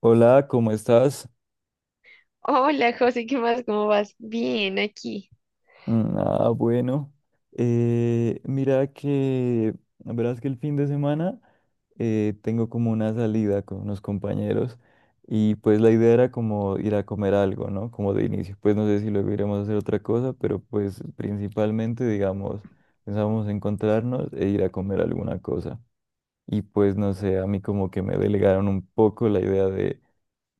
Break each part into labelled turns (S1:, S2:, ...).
S1: Hola, ¿cómo estás?
S2: Hola, José, ¿qué más? ¿Cómo vas? Bien, aquí.
S1: Bueno. Mira que, verás que el fin de semana tengo como una salida con unos compañeros y pues la idea era como ir a comer algo, ¿no? Como de inicio. Pues no sé si luego iremos a hacer otra cosa, pero pues principalmente, digamos, pensábamos encontrarnos e ir a comer alguna cosa. Y pues no sé, a mí como que me delegaron un poco la idea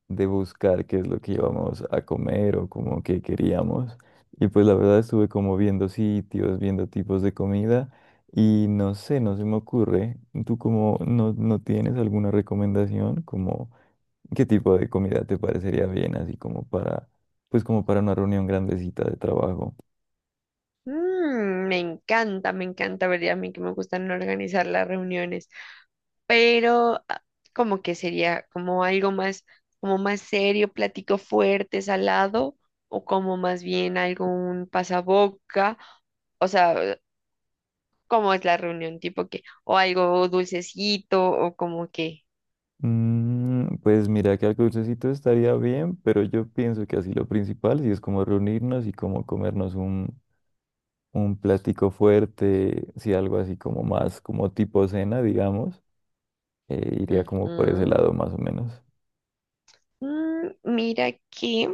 S1: de buscar qué es lo que íbamos a comer o como que queríamos. Y pues la verdad estuve como viendo sitios, viendo tipos de comida y no sé, no se me ocurre. ¿Tú como no tienes alguna recomendación como qué tipo de comida te parecería bien así como para pues como para una reunión grandecita de trabajo?
S2: Me encanta, ¿verdad? A mí que me gustan organizar las reuniones, pero como que sería como algo más, como más serio, platico fuerte, salado, o como más bien algo un pasaboca, o sea, ¿cómo es la reunión? Tipo que, o algo dulcecito, o como que,
S1: Pues mira que algo dulcecito estaría bien, pero yo pienso que así lo principal sí es como reunirnos y como comernos un plástico fuerte, si algo así como más, como tipo cena, digamos, iría como por ese
S2: ujú.
S1: lado más o menos.
S2: Mira aquí.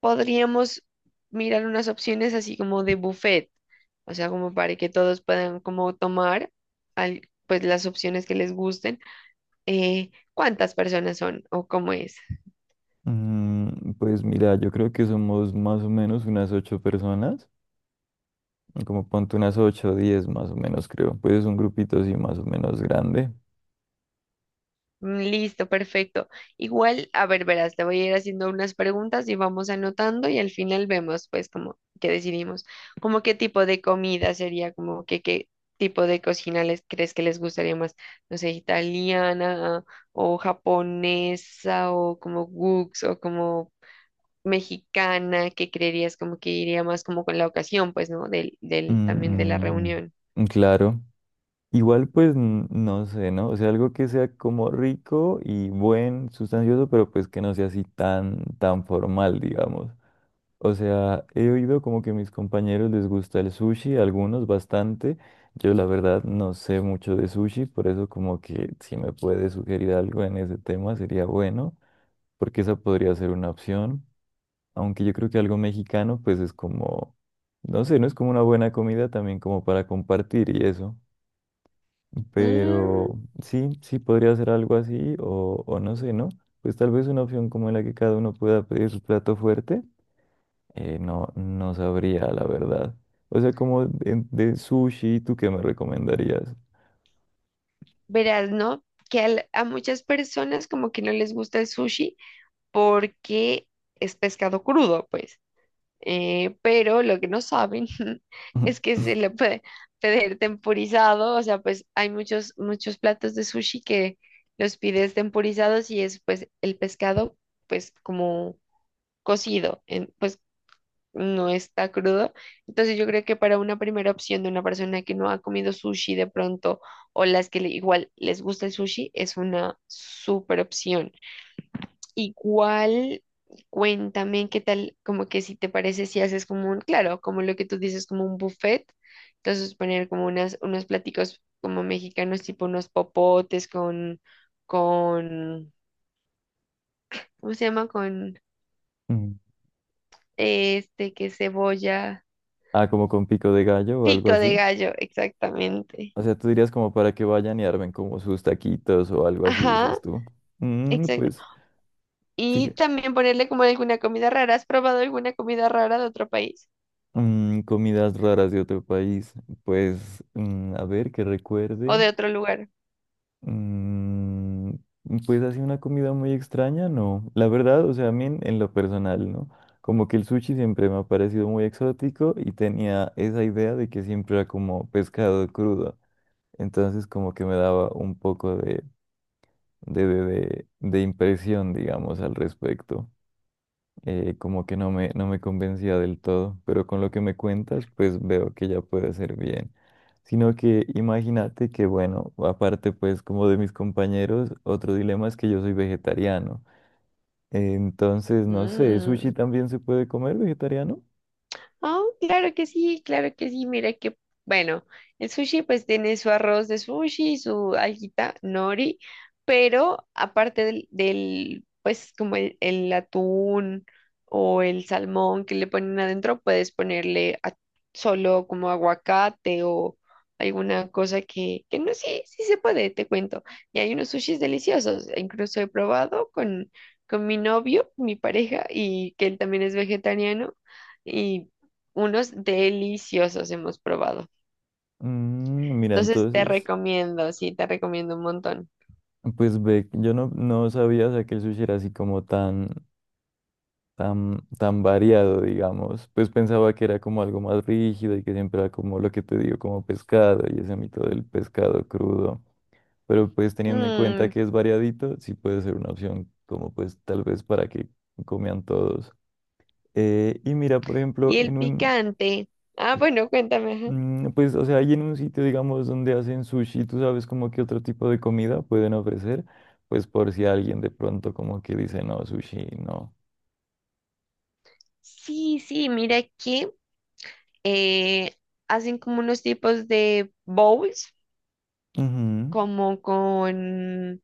S2: Podríamos mirar unas opciones así como de buffet, o sea, como para que todos puedan como tomar pues las opciones que les gusten. ¿Cuántas personas son o cómo es?
S1: Pues mira, yo creo que somos más o menos unas ocho personas, como ponte unas ocho o diez más o menos, creo. Pues es un grupito así más o menos grande.
S2: Mm, listo, perfecto. Igual, a ver, verás, te voy a ir haciendo unas preguntas y vamos anotando y al final vemos, pues, como que decidimos, como qué tipo de comida sería, como que qué tipo de cocina les crees que les gustaría más, no sé, italiana o japonesa o como Wux o como mexicana, que creerías como que iría más como con la ocasión, pues, ¿no? También de la
S1: Mm,
S2: reunión.
S1: claro. Igual pues no sé, ¿no? O sea, algo que sea como rico y buen, sustancioso, pero pues que no sea así tan formal, digamos. O sea, he oído como que a mis compañeros les gusta el sushi, a algunos bastante. Yo la verdad no sé mucho de sushi, por eso como que si me puede sugerir algo en ese tema sería bueno, porque esa podría ser una opción. Aunque yo creo que algo mexicano pues es como, no sé, no es como una buena comida también como para compartir y eso. Pero sí, sí podría ser algo así o no sé, ¿no? Pues tal vez una opción como en la que cada uno pueda pedir su plato fuerte no sabría, la verdad. O sea, como de sushi, ¿tú qué me recomendarías?
S2: Verás, ¿no? Que a muchas personas como que no les gusta el sushi porque es pescado crudo, pues. Pero lo que no saben es que se le puede pedir temporizado, o sea, pues hay muchos, muchos platos de sushi que los pides temporizados y es pues el pescado pues como cocido, pues no está crudo. Entonces yo creo que para una primera opción de una persona que no ha comido sushi de pronto o las que igual les gusta el sushi es una súper opción. Igual cuéntame qué tal, como que si te parece si haces como un, claro, como lo que tú dices, como un buffet. Entonces poner como unas, unos platicos como mexicanos, tipo unos popotes con, ¿cómo se llama? Con
S1: Mm.
S2: este, que cebolla,
S1: Ah, como con pico de gallo o algo
S2: pico de
S1: así.
S2: gallo, exactamente.
S1: O sea, tú dirías como para que vayan y armen como sus taquitos o algo así,
S2: Ajá,
S1: dices tú. Mm,
S2: exacto.
S1: pues,
S2: Y
S1: fíjate.
S2: también ponerle como alguna comida rara. ¿Has probado alguna comida rara de otro país
S1: Comidas raras de otro país. Pues, a ver, que
S2: o
S1: recuerde.
S2: de otro lugar?
S1: Mm, pues así una comida muy extraña, no. La verdad, o sea, a mí en lo personal, ¿no? Como que el sushi siempre me ha parecido muy exótico y tenía esa idea de que siempre era como pescado crudo. Entonces como que me daba un poco de impresión, digamos, al respecto como que no me convencía del todo, pero con lo que me cuentas, pues veo que ya puede ser bien. Sino que imagínate que, bueno, aparte pues como de mis compañeros, otro dilema es que yo soy vegetariano. Entonces, no sé, ¿sushi
S2: Mm.
S1: también se puede comer vegetariano?
S2: Oh, claro que sí, claro que sí. Mira que, bueno, el sushi pues tiene su arroz de sushi, su alguita nori, pero aparte pues como el atún o el salmón que le ponen adentro, puedes ponerle solo como aguacate o alguna cosa que no, sí, sí se puede, te cuento. Y hay unos sushis deliciosos, e incluso he probado con mi novio, mi pareja, y que él también es vegetariano. Y unos deliciosos hemos probado.
S1: Mira,
S2: Entonces te
S1: entonces,
S2: recomiendo, sí, te recomiendo un montón.
S1: pues ve, yo no sabía, o sea, que el sushi era así como tan variado, digamos. Pues pensaba que era como algo más rígido y que siempre era como lo que te digo, como pescado y ese mito del pescado crudo. Pero pues teniendo en cuenta
S2: Mm,
S1: que es variadito, sí puede ser una opción como pues tal vez para que coman todos. Y mira, por ejemplo,
S2: y el picante. Ah, bueno, cuéntame. Ajá.
S1: pues o sea, ahí en un sitio, digamos, donde hacen sushi, tú sabes como qué otro tipo de comida pueden ofrecer, pues por si alguien de pronto como que dice, no, sushi, no.
S2: Sí, sí, mira que eh, hacen como unos tipos de bowls,
S1: Ujú.
S2: como con,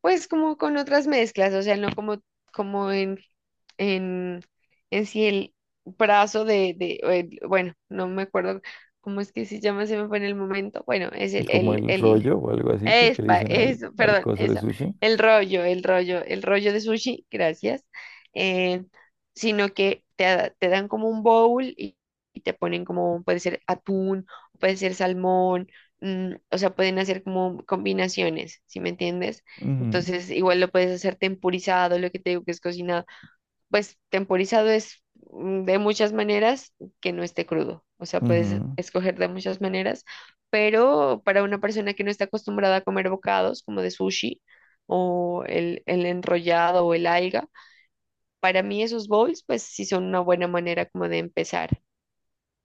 S2: pues como con otras mezclas, o sea, no como, como en, en, en sí el brazo de o bueno, no me acuerdo cómo es que se llama, se me fue en el momento. Bueno, es
S1: Y como el
S2: el
S1: rollo o algo así, pues que le
S2: Espa,
S1: dicen
S2: eso,
S1: al
S2: perdón,
S1: coso de
S2: eso.
S1: sushi.
S2: El rollo, el rollo, el rollo de sushi, gracias. eh, sino que te, te dan como un bowl y te ponen como, puede ser atún, puede ser salmón, o sea, pueden hacer como combinaciones, ¿si me entiendes?
S1: Ujú,
S2: Entonces, igual lo puedes hacer tempurizado, lo que te digo que es cocinado pues temporizado es de muchas maneras que no esté crudo. O sea, puedes
S1: ujú,
S2: escoger de muchas maneras, pero para una persona que no está acostumbrada a comer bocados como de sushi o el enrollado o el alga, para mí esos bowls, pues sí son una buena manera como de empezar.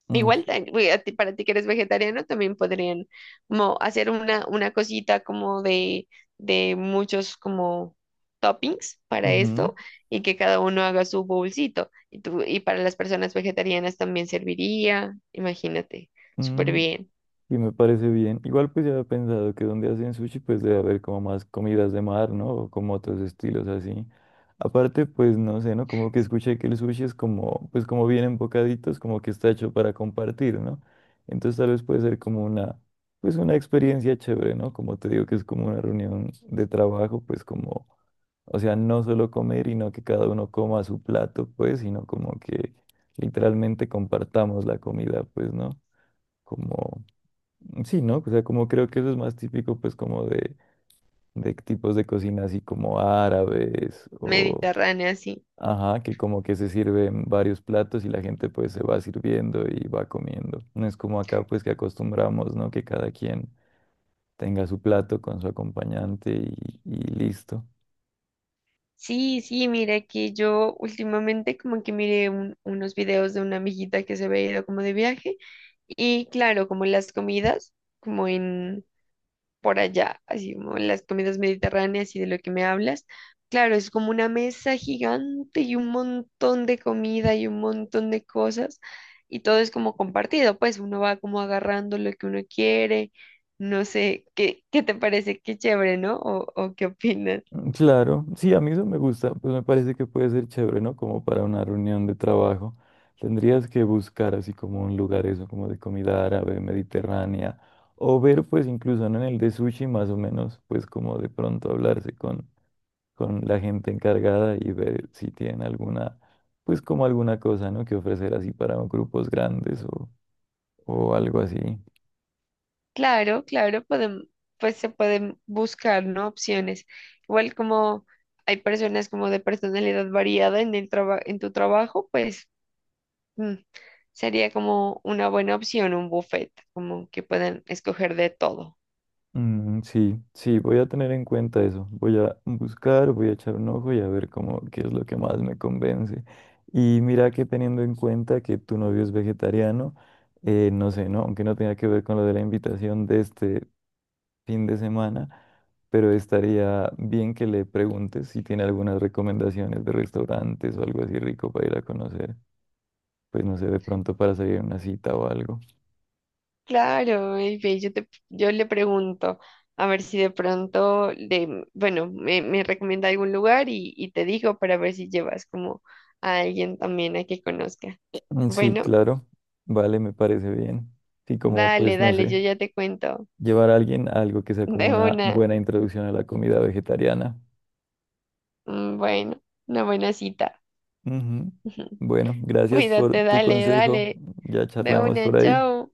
S1: mm,
S2: Igual, güey, para ti que eres vegetariano, también podrían como hacer una cosita como de muchos como toppings para
S1: ujú,
S2: esto y que cada uno haga su bolsito. Y, tú, y para las personas vegetarianas también serviría, imagínate, súper
S1: mm.
S2: bien.
S1: Y me parece bien. Igual pues ya he pensado que donde hacen sushi pues debe haber como más comidas de mar, ¿no? O como otros estilos así. Aparte pues no sé, ¿no? Como que escuché que el sushi es como, pues como vienen bocaditos, como que está hecho para compartir, ¿no? Entonces tal vez puede ser como una, pues una experiencia chévere, ¿no? Como te digo que es como una reunión de trabajo, pues como. O sea, no solo comer y no que cada uno coma su plato, pues, sino como que literalmente compartamos la comida, pues, ¿no? Como, sí, ¿no? O sea, como creo que eso es más típico, pues, como de tipos de cocina así como árabes o,
S2: Mediterránea, sí.
S1: ajá, que como que se sirven varios platos y la gente, pues, se va sirviendo y va comiendo. No es como acá, pues, que acostumbramos, ¿no? Que cada quien tenga su plato con su acompañante y listo.
S2: Sí, sí, mira que yo últimamente como que miré unos videos de una amiguita que se había ido como de viaje y claro, como las comidas, como en por allá, así como en las comidas mediterráneas y de lo que me hablas. Claro, es como una mesa gigante y un montón de comida y un montón de cosas y todo es como compartido, pues uno va como agarrando lo que uno quiere, no sé, ¿qué, qué te parece? Qué chévere, ¿no? O qué opinas?
S1: Claro, sí, a mí eso me gusta, pues me parece que puede ser chévere, ¿no? Como para una reunión de trabajo. Tendrías que buscar así como un lugar eso, como de comida árabe, mediterránea, o ver pues incluso ¿no? en el de sushi más o menos, pues como de pronto hablarse con la gente encargada y ver si tienen alguna, pues como alguna cosa, ¿no? Que ofrecer así para grupos grandes o algo así.
S2: Claro, claro, pues se pueden buscar, ¿no? Opciones. Igual como hay personas como de personalidad variada en el en tu trabajo, pues mm, sería como una buena opción un buffet, como que puedan escoger de todo.
S1: Sí, sí, voy a tener en cuenta eso. Voy a buscar, voy a echar un ojo y a ver cómo, qué es lo que más me convence. Y mira que teniendo en cuenta que tu novio es vegetariano, no sé, ¿no? Aunque no tenga que ver con lo de la invitación de este fin de semana, pero estaría bien que le preguntes si tiene algunas recomendaciones de restaurantes o algo así rico para ir a conocer. Pues no sé, de pronto para salir a una cita o algo.
S2: Claro, y ve, yo le pregunto a ver si de pronto le, bueno, me recomienda algún lugar y te digo para ver si llevas como a alguien también a que conozca.
S1: Sí,
S2: Bueno,
S1: claro. Vale, me parece bien. Sí, como
S2: dale,
S1: pues no
S2: dale,
S1: sé.
S2: yo ya te cuento.
S1: Llevar a alguien a algo que sea como
S2: De
S1: una
S2: una,
S1: buena introducción a la comida vegetariana.
S2: mm, bueno, una buena cita.
S1: Ujú. Bueno, gracias por
S2: Cuídate,
S1: tu
S2: dale,
S1: consejo.
S2: dale,
S1: Ya
S2: de
S1: charlamos por
S2: una,
S1: ahí.
S2: chao.